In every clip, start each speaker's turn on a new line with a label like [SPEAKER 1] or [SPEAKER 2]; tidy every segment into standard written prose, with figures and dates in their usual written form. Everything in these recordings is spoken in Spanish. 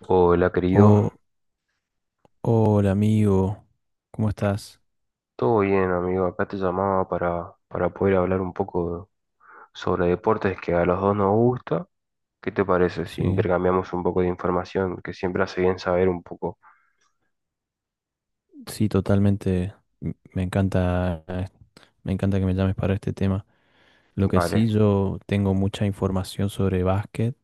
[SPEAKER 1] Hola, querido.
[SPEAKER 2] Oh, hola amigo, ¿cómo estás?
[SPEAKER 1] Todo bien, amigo. Acá te llamaba para poder hablar un poco sobre deportes que a los dos nos gusta. ¿Qué te parece si
[SPEAKER 2] Sí,
[SPEAKER 1] intercambiamos un poco de información que siempre hace bien saber un poco?
[SPEAKER 2] sí, totalmente. m- Me encanta, eh, me encanta que me llames para este tema. Lo que sí,
[SPEAKER 1] Vale.
[SPEAKER 2] yo tengo mucha información sobre básquet,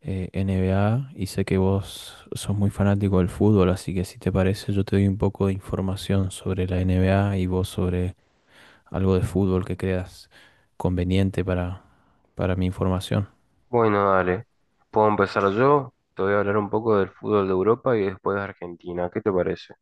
[SPEAKER 2] NBA, y sé que vos sos muy fanático del fútbol, así que si te parece, yo te doy un poco de información sobre la NBA y vos sobre algo de fútbol que creas conveniente para mi información.
[SPEAKER 1] Bueno, dale. ¿Puedo empezar yo? Te voy a hablar un poco del fútbol de Europa y después de Argentina. ¿Qué te parece?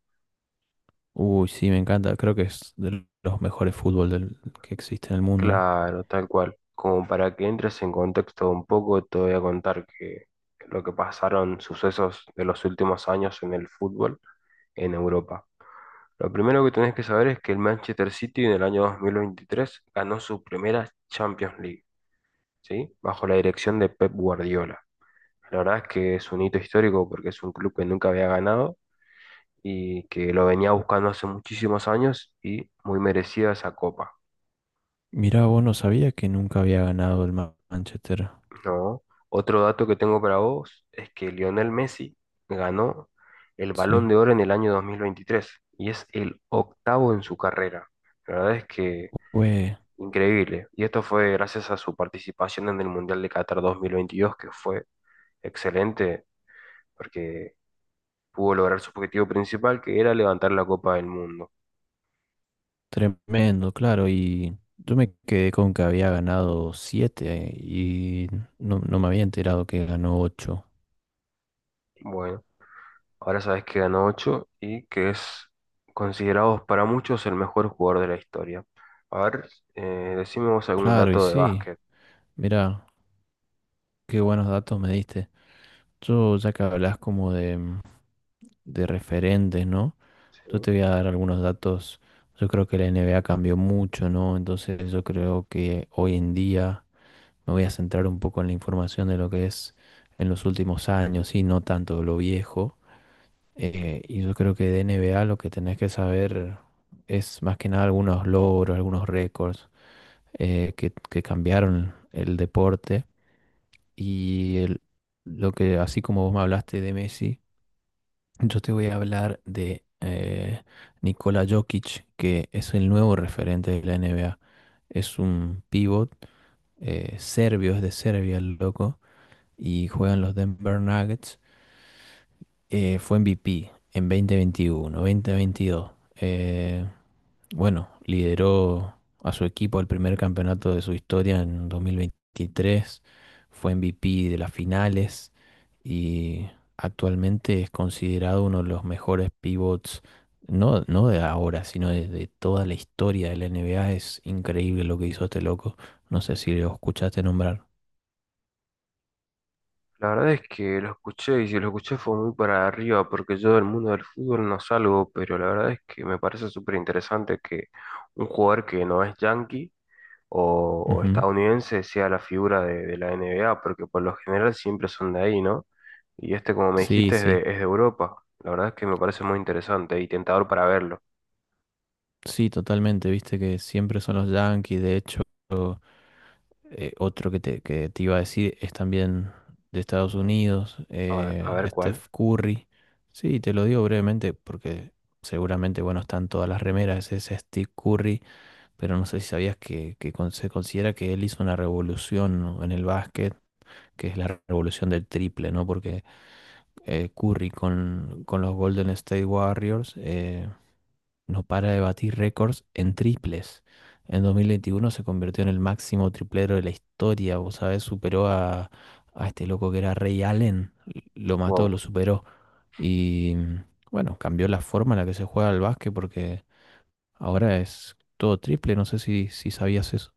[SPEAKER 2] Uy, sí, me encanta. Creo que es de los mejores fútbol que existe en el mundo, ¿no?
[SPEAKER 1] Claro, tal cual. Como para que entres en contexto un poco, te voy a contar que lo que pasaron, sucesos de los últimos años en el fútbol en Europa. Lo primero que tenés que saber es que el Manchester City en el año 2023 ganó su primera Champions League, ¿sí? Bajo la dirección de Pep Guardiola. La verdad es que es un hito histórico porque es un club que nunca había ganado y que lo venía buscando hace muchísimos años y muy merecida esa copa,
[SPEAKER 2] Mira, vos no sabía que nunca había ganado el Manchester.
[SPEAKER 1] ¿no? Otro dato que tengo para vos es que Lionel Messi ganó el
[SPEAKER 2] Sí,
[SPEAKER 1] Balón de Oro en el año 2023 y es el octavo en su carrera. La verdad es que
[SPEAKER 2] fue
[SPEAKER 1] increíble. Y esto fue gracias a su participación en el Mundial de Qatar 2022, que fue excelente, porque pudo lograr su objetivo principal, que era levantar la Copa del Mundo.
[SPEAKER 2] tremendo, claro. Y yo me quedé con que había ganado siete y no, no me había enterado que ganó ocho.
[SPEAKER 1] Bueno, ahora sabes que ganó 8 y que es considerado para muchos el mejor jugador de la historia. A ver, decime vos algún
[SPEAKER 2] Claro, y
[SPEAKER 1] dato de
[SPEAKER 2] sí,
[SPEAKER 1] básquet.
[SPEAKER 2] mira, qué buenos datos me diste. Yo, ya que hablas como de referentes, ¿no? Yo
[SPEAKER 1] ¿Sí?
[SPEAKER 2] te voy a dar algunos datos. Yo creo que la NBA cambió mucho, ¿no? Entonces yo creo que hoy en día me voy a centrar un poco en la información de lo que es en los últimos años y no tanto lo viejo. Y yo creo que de N B A lo que tenés que saber es más que nada algunos logros, algunos récords, que cambiaron el deporte. Y lo que, así como vos me hablaste de Messi, yo te voy a hablar de Nikola Jokic, que es el nuevo referente de la N B A. Es un pivot serbio, es de Serbia el loco y juegan los Denver Nuggets. Fue MVP en 2021, 2022. Bueno, lideró a su equipo al primer campeonato de su historia en 2023, fue MVP de las finales y actualmente es considerado uno de los mejores pivots, no, no de ahora, sino de toda la historia de la NBA. Es increíble lo que hizo este loco. No sé si lo escuchaste nombrar.
[SPEAKER 1] La verdad es que lo escuché y si lo escuché fue muy para arriba porque yo del mundo del fútbol no salgo, pero la verdad es que me parece súper interesante que un jugador que no es yankee o
[SPEAKER 2] Ujú.
[SPEAKER 1] estadounidense sea la figura de la NBA porque por lo general siempre son de ahí, ¿no? Y este, como me
[SPEAKER 2] Sí,
[SPEAKER 1] dijiste, es de,
[SPEAKER 2] sí.
[SPEAKER 1] es de Europa. La verdad es que me parece muy interesante y tentador para verlo.
[SPEAKER 2] Sí, totalmente, viste que siempre son los Yankees, de hecho, otro que te iba a decir es también de Estados Unidos,
[SPEAKER 1] A ver cuál.
[SPEAKER 2] Steph Curry. Sí, te lo digo brevemente porque seguramente, bueno, están todas las remeras, es Steve Curry, pero no sé si sabías que se considera que él hizo una revolución en el básquet, que es la revolución del triple, ¿no? Porque Curry con los Golden State Warriors. No para de batir récords en triples. En 2021 se convirtió en el máximo triplero de la historia, vos sabés, superó a este loco que era Ray Allen, lo mató, lo
[SPEAKER 1] Wow.
[SPEAKER 2] superó. Y bueno, cambió la forma en la que se juega al básquet porque ahora es todo triple, no sé si sabías eso.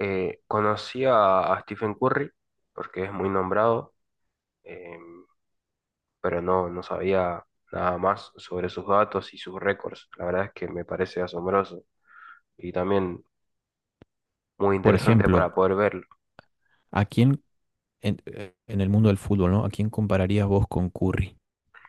[SPEAKER 1] Conocí a Stephen Curry porque es muy nombrado. Em, pero no, no sabía nada más sobre sus datos y sus récords. La verdad es que me parece asombroso y también muy
[SPEAKER 2] Por
[SPEAKER 1] interesante
[SPEAKER 2] ejemplo,
[SPEAKER 1] para poder verlo.
[SPEAKER 2] ¿a quién en el mundo del fútbol, no? ¿A quién compararías vos con Curry?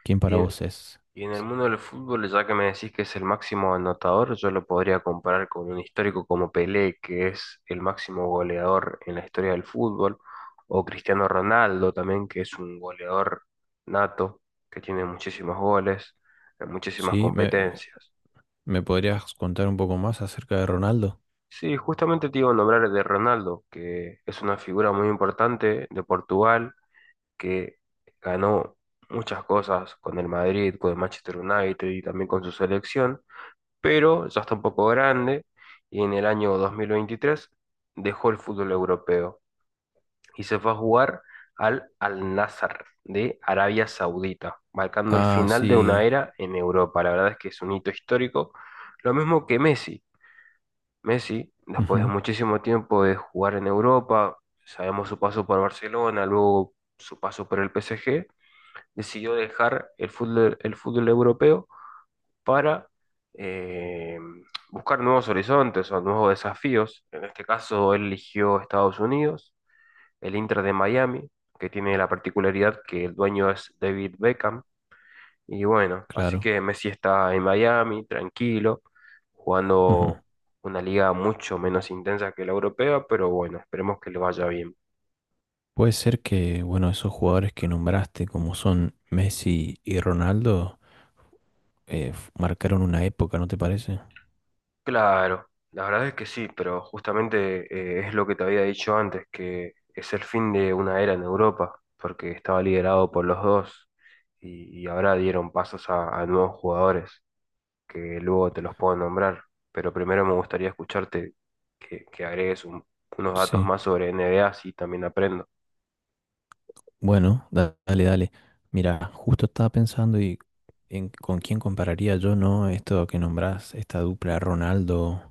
[SPEAKER 2] ¿Quién
[SPEAKER 1] Y
[SPEAKER 2] para
[SPEAKER 1] en,
[SPEAKER 2] vos es?
[SPEAKER 1] y en el mundo del fútbol, ya que me decís que es el máximo anotador, yo lo podría comparar con un histórico como Pelé, que es el máximo goleador en la historia del fútbol, o Cristiano Ronaldo también, que es un goleador nato, que tiene muchísimos goles, en muchísimas
[SPEAKER 2] Sí, ¿me,
[SPEAKER 1] competencias.
[SPEAKER 2] me podrías contar un poco más acerca de Ronaldo?
[SPEAKER 1] Sí, justamente te iba a nombrar de Ronaldo, que es una figura muy importante de Portugal, que ganó muchas cosas con el Madrid, con el Manchester United y también con su selección, pero ya está un poco grande y en el año 2023 dejó el fútbol europeo y se fue a jugar al Al-Nassr de Arabia Saudita, marcando el
[SPEAKER 2] Ah,
[SPEAKER 1] final de una
[SPEAKER 2] sí,
[SPEAKER 1] era en Europa. La verdad es que es un hito histórico, lo mismo que Messi. Messi, después de
[SPEAKER 2] ujú,
[SPEAKER 1] muchísimo tiempo de jugar en Europa, sabemos su paso por Barcelona, luego su paso por el PSG, decidió dejar el fútbol europeo para eh, buscar nuevos horizontes o nuevos desafíos. En este caso, él eligió Estados Unidos, el Inter de Miami, que tiene la particularidad que el dueño es David Beckham, y bueno, así
[SPEAKER 2] claro.
[SPEAKER 1] que Messi está en Miami, tranquilo,
[SPEAKER 2] Ujú.
[SPEAKER 1] jugando una liga mucho menos intensa que la europea, pero bueno, esperemos que le vaya bien.
[SPEAKER 2] Puede ser que, bueno, esos jugadores que nombraste, como son Messi y Ronaldo, marcaron una época, ¿no te parece?
[SPEAKER 1] Claro, la verdad es que sí, pero justamente es lo que te había dicho antes, que es el fin de una era en Europa, porque estaba liderado por los dos y ahora dieron pasos a nuevos jugadores, que luego te los puedo nombrar, pero primero me gustaría escucharte que agregues unos datos
[SPEAKER 2] Sí.
[SPEAKER 1] más sobre NBA, así también aprendo.
[SPEAKER 2] Bueno, dale, dale. Mira, justo estaba pensando y en con quién compararía yo, ¿no? Esto que nombrás, esta dupla Ronaldo-Messi.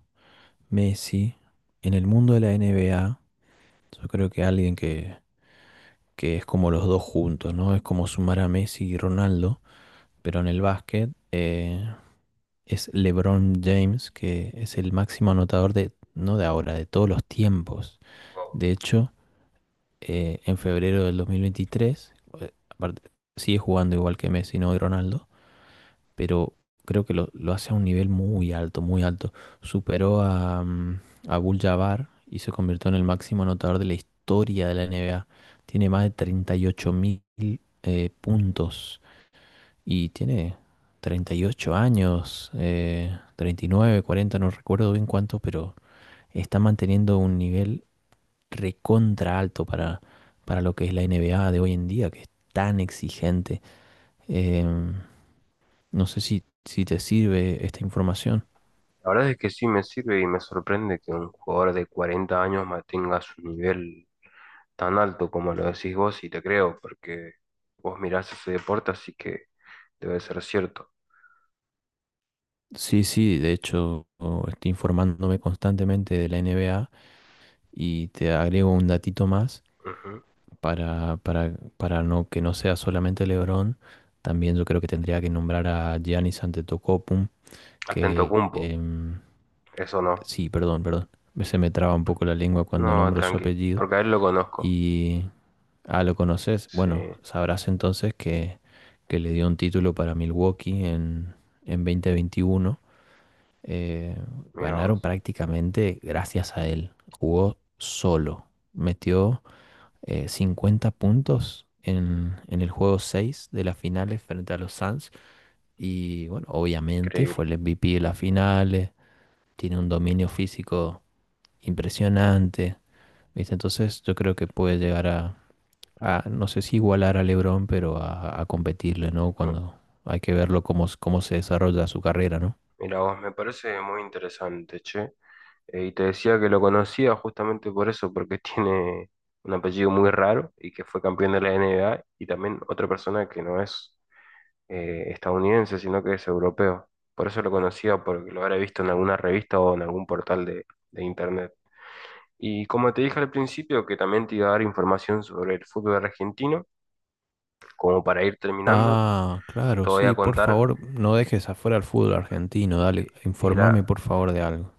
[SPEAKER 2] En el mundo de la NBA, yo creo que alguien que es como los dos juntos, ¿no? Es como sumar a Messi y Ronaldo, pero en el básquet, es LeBron James, que es el máximo anotador de, no de ahora, de todos los tiempos.
[SPEAKER 1] Wow.
[SPEAKER 2] De hecho, en febrero del 2023, aparte, sigue jugando igual que Messi, no y Ronaldo, pero creo que lo hace a un nivel muy alto, muy alto. Superó a Abdul-Jabbar y se convirtió en el máximo anotador de la historia de la NBA. Tiene más de 38.000 mil puntos y tiene 38 años, 39, 40, no recuerdo bien cuánto, pero está manteniendo un nivel recontra alto para lo que es la NBA de hoy en día, que es tan exigente. Em, no sé si te sirve esta información.
[SPEAKER 1] La verdad es que sí me sirve y me sorprende que un jugador de 40 años mantenga su nivel tan alto como lo decís vos y te creo, porque vos mirás ese deporte, así que debe ser cierto.
[SPEAKER 2] Sí, sí, de hecho, oh, estoy informándome constantemente de la NBA y te agrego un datito más.
[SPEAKER 1] Ujú.
[SPEAKER 2] Para no, que no sea solamente LeBron, también yo creo que tendría que nombrar a Giannis Antetokounmpo,
[SPEAKER 1] Hasta en
[SPEAKER 2] que
[SPEAKER 1] Tocumpo, eso no.
[SPEAKER 2] sí, perdón, perdón, se me traba un poco la lengua cuando
[SPEAKER 1] No,
[SPEAKER 2] nombro su
[SPEAKER 1] tranqui,
[SPEAKER 2] apellido
[SPEAKER 1] porque a él lo conozco.
[SPEAKER 2] y ah, lo conoces,
[SPEAKER 1] Sí,
[SPEAKER 2] bueno, sabrás entonces que le dio un título para Milwaukee en 2021. Eh,
[SPEAKER 1] mira
[SPEAKER 2] ganaron
[SPEAKER 1] vos,
[SPEAKER 2] prácticamente gracias a él. Jugó solo, metió 50 puntos en el juego 6 de las finales frente a los Suns. Y bueno, obviamente fue
[SPEAKER 1] increíble.
[SPEAKER 2] el MVP de las finales, tiene un dominio físico impresionante, ¿viste? Entonces yo creo que puede llegar a, no sé si igualar a LeBron, pero a competirle, ¿no?
[SPEAKER 1] Mi-
[SPEAKER 2] Cuando hay que verlo cómo se desarrolla su carrera, ¿no?
[SPEAKER 1] Mira vos, me parece muy interesante, che. Y te decía que lo conocía justamente por eso, porque tiene un apellido muy raro y que fue campeón de la NBA y también otra persona que no es estadounidense, sino que es europeo. Por eso lo conocía, porque lo habré visto en alguna revista o en algún portal de internet. Y como te dije al principio, que también te iba a dar información sobre el fútbol argentino, como para ir terminando,
[SPEAKER 2] Ah, claro,
[SPEAKER 1] te voy a
[SPEAKER 2] sí, por
[SPEAKER 1] contar.
[SPEAKER 2] favor, no dejes afuera el fútbol argentino, dale,
[SPEAKER 1] eh, el,
[SPEAKER 2] informame
[SPEAKER 1] a-
[SPEAKER 2] por favor de algo.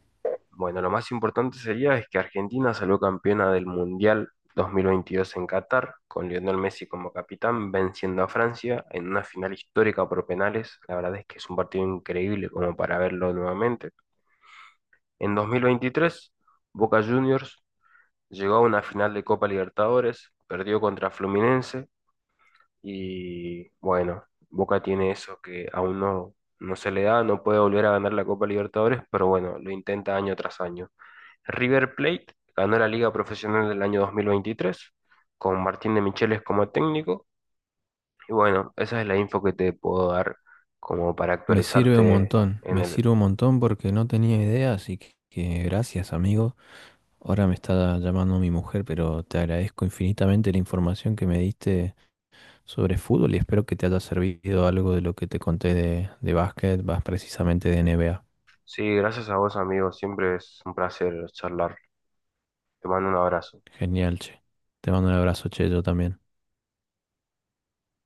[SPEAKER 1] Bueno, lo más importante sería es que Argentina salió campeona del Mundial 2022 en Qatar, con Lionel Messi como capitán, venciendo a Francia en una final histórica por penales. La verdad es que es un partido increíble como para verlo nuevamente. En 2023, Boca Juniors llegó a una final de Copa Libertadores, perdió contra Fluminense y bueno, Boca tiene eso que aún no, no se le da, no puede volver a ganar la Copa Libertadores, pero bueno, lo intenta año tras año. River Plate ganó la Liga Profesional del año 2023 con Martín de Micheles como técnico. Y bueno, esa es la info que te puedo dar como para
[SPEAKER 2] Me sirve un
[SPEAKER 1] actualizarte
[SPEAKER 2] montón,
[SPEAKER 1] en
[SPEAKER 2] me
[SPEAKER 1] el...
[SPEAKER 2] sirve un montón porque no tenía idea, así que gracias, amigo. Ahora me está llamando mi mujer, pero te agradezco infinitamente la información que me diste sobre fútbol y espero que te haya servido algo de lo que te conté de básquet, más precisamente de NBA.
[SPEAKER 1] Sí, gracias a vos, amigo. Siempre es un placer charlar. Te mando un abrazo.
[SPEAKER 2] Genial, che. Te mando un abrazo, che, yo también.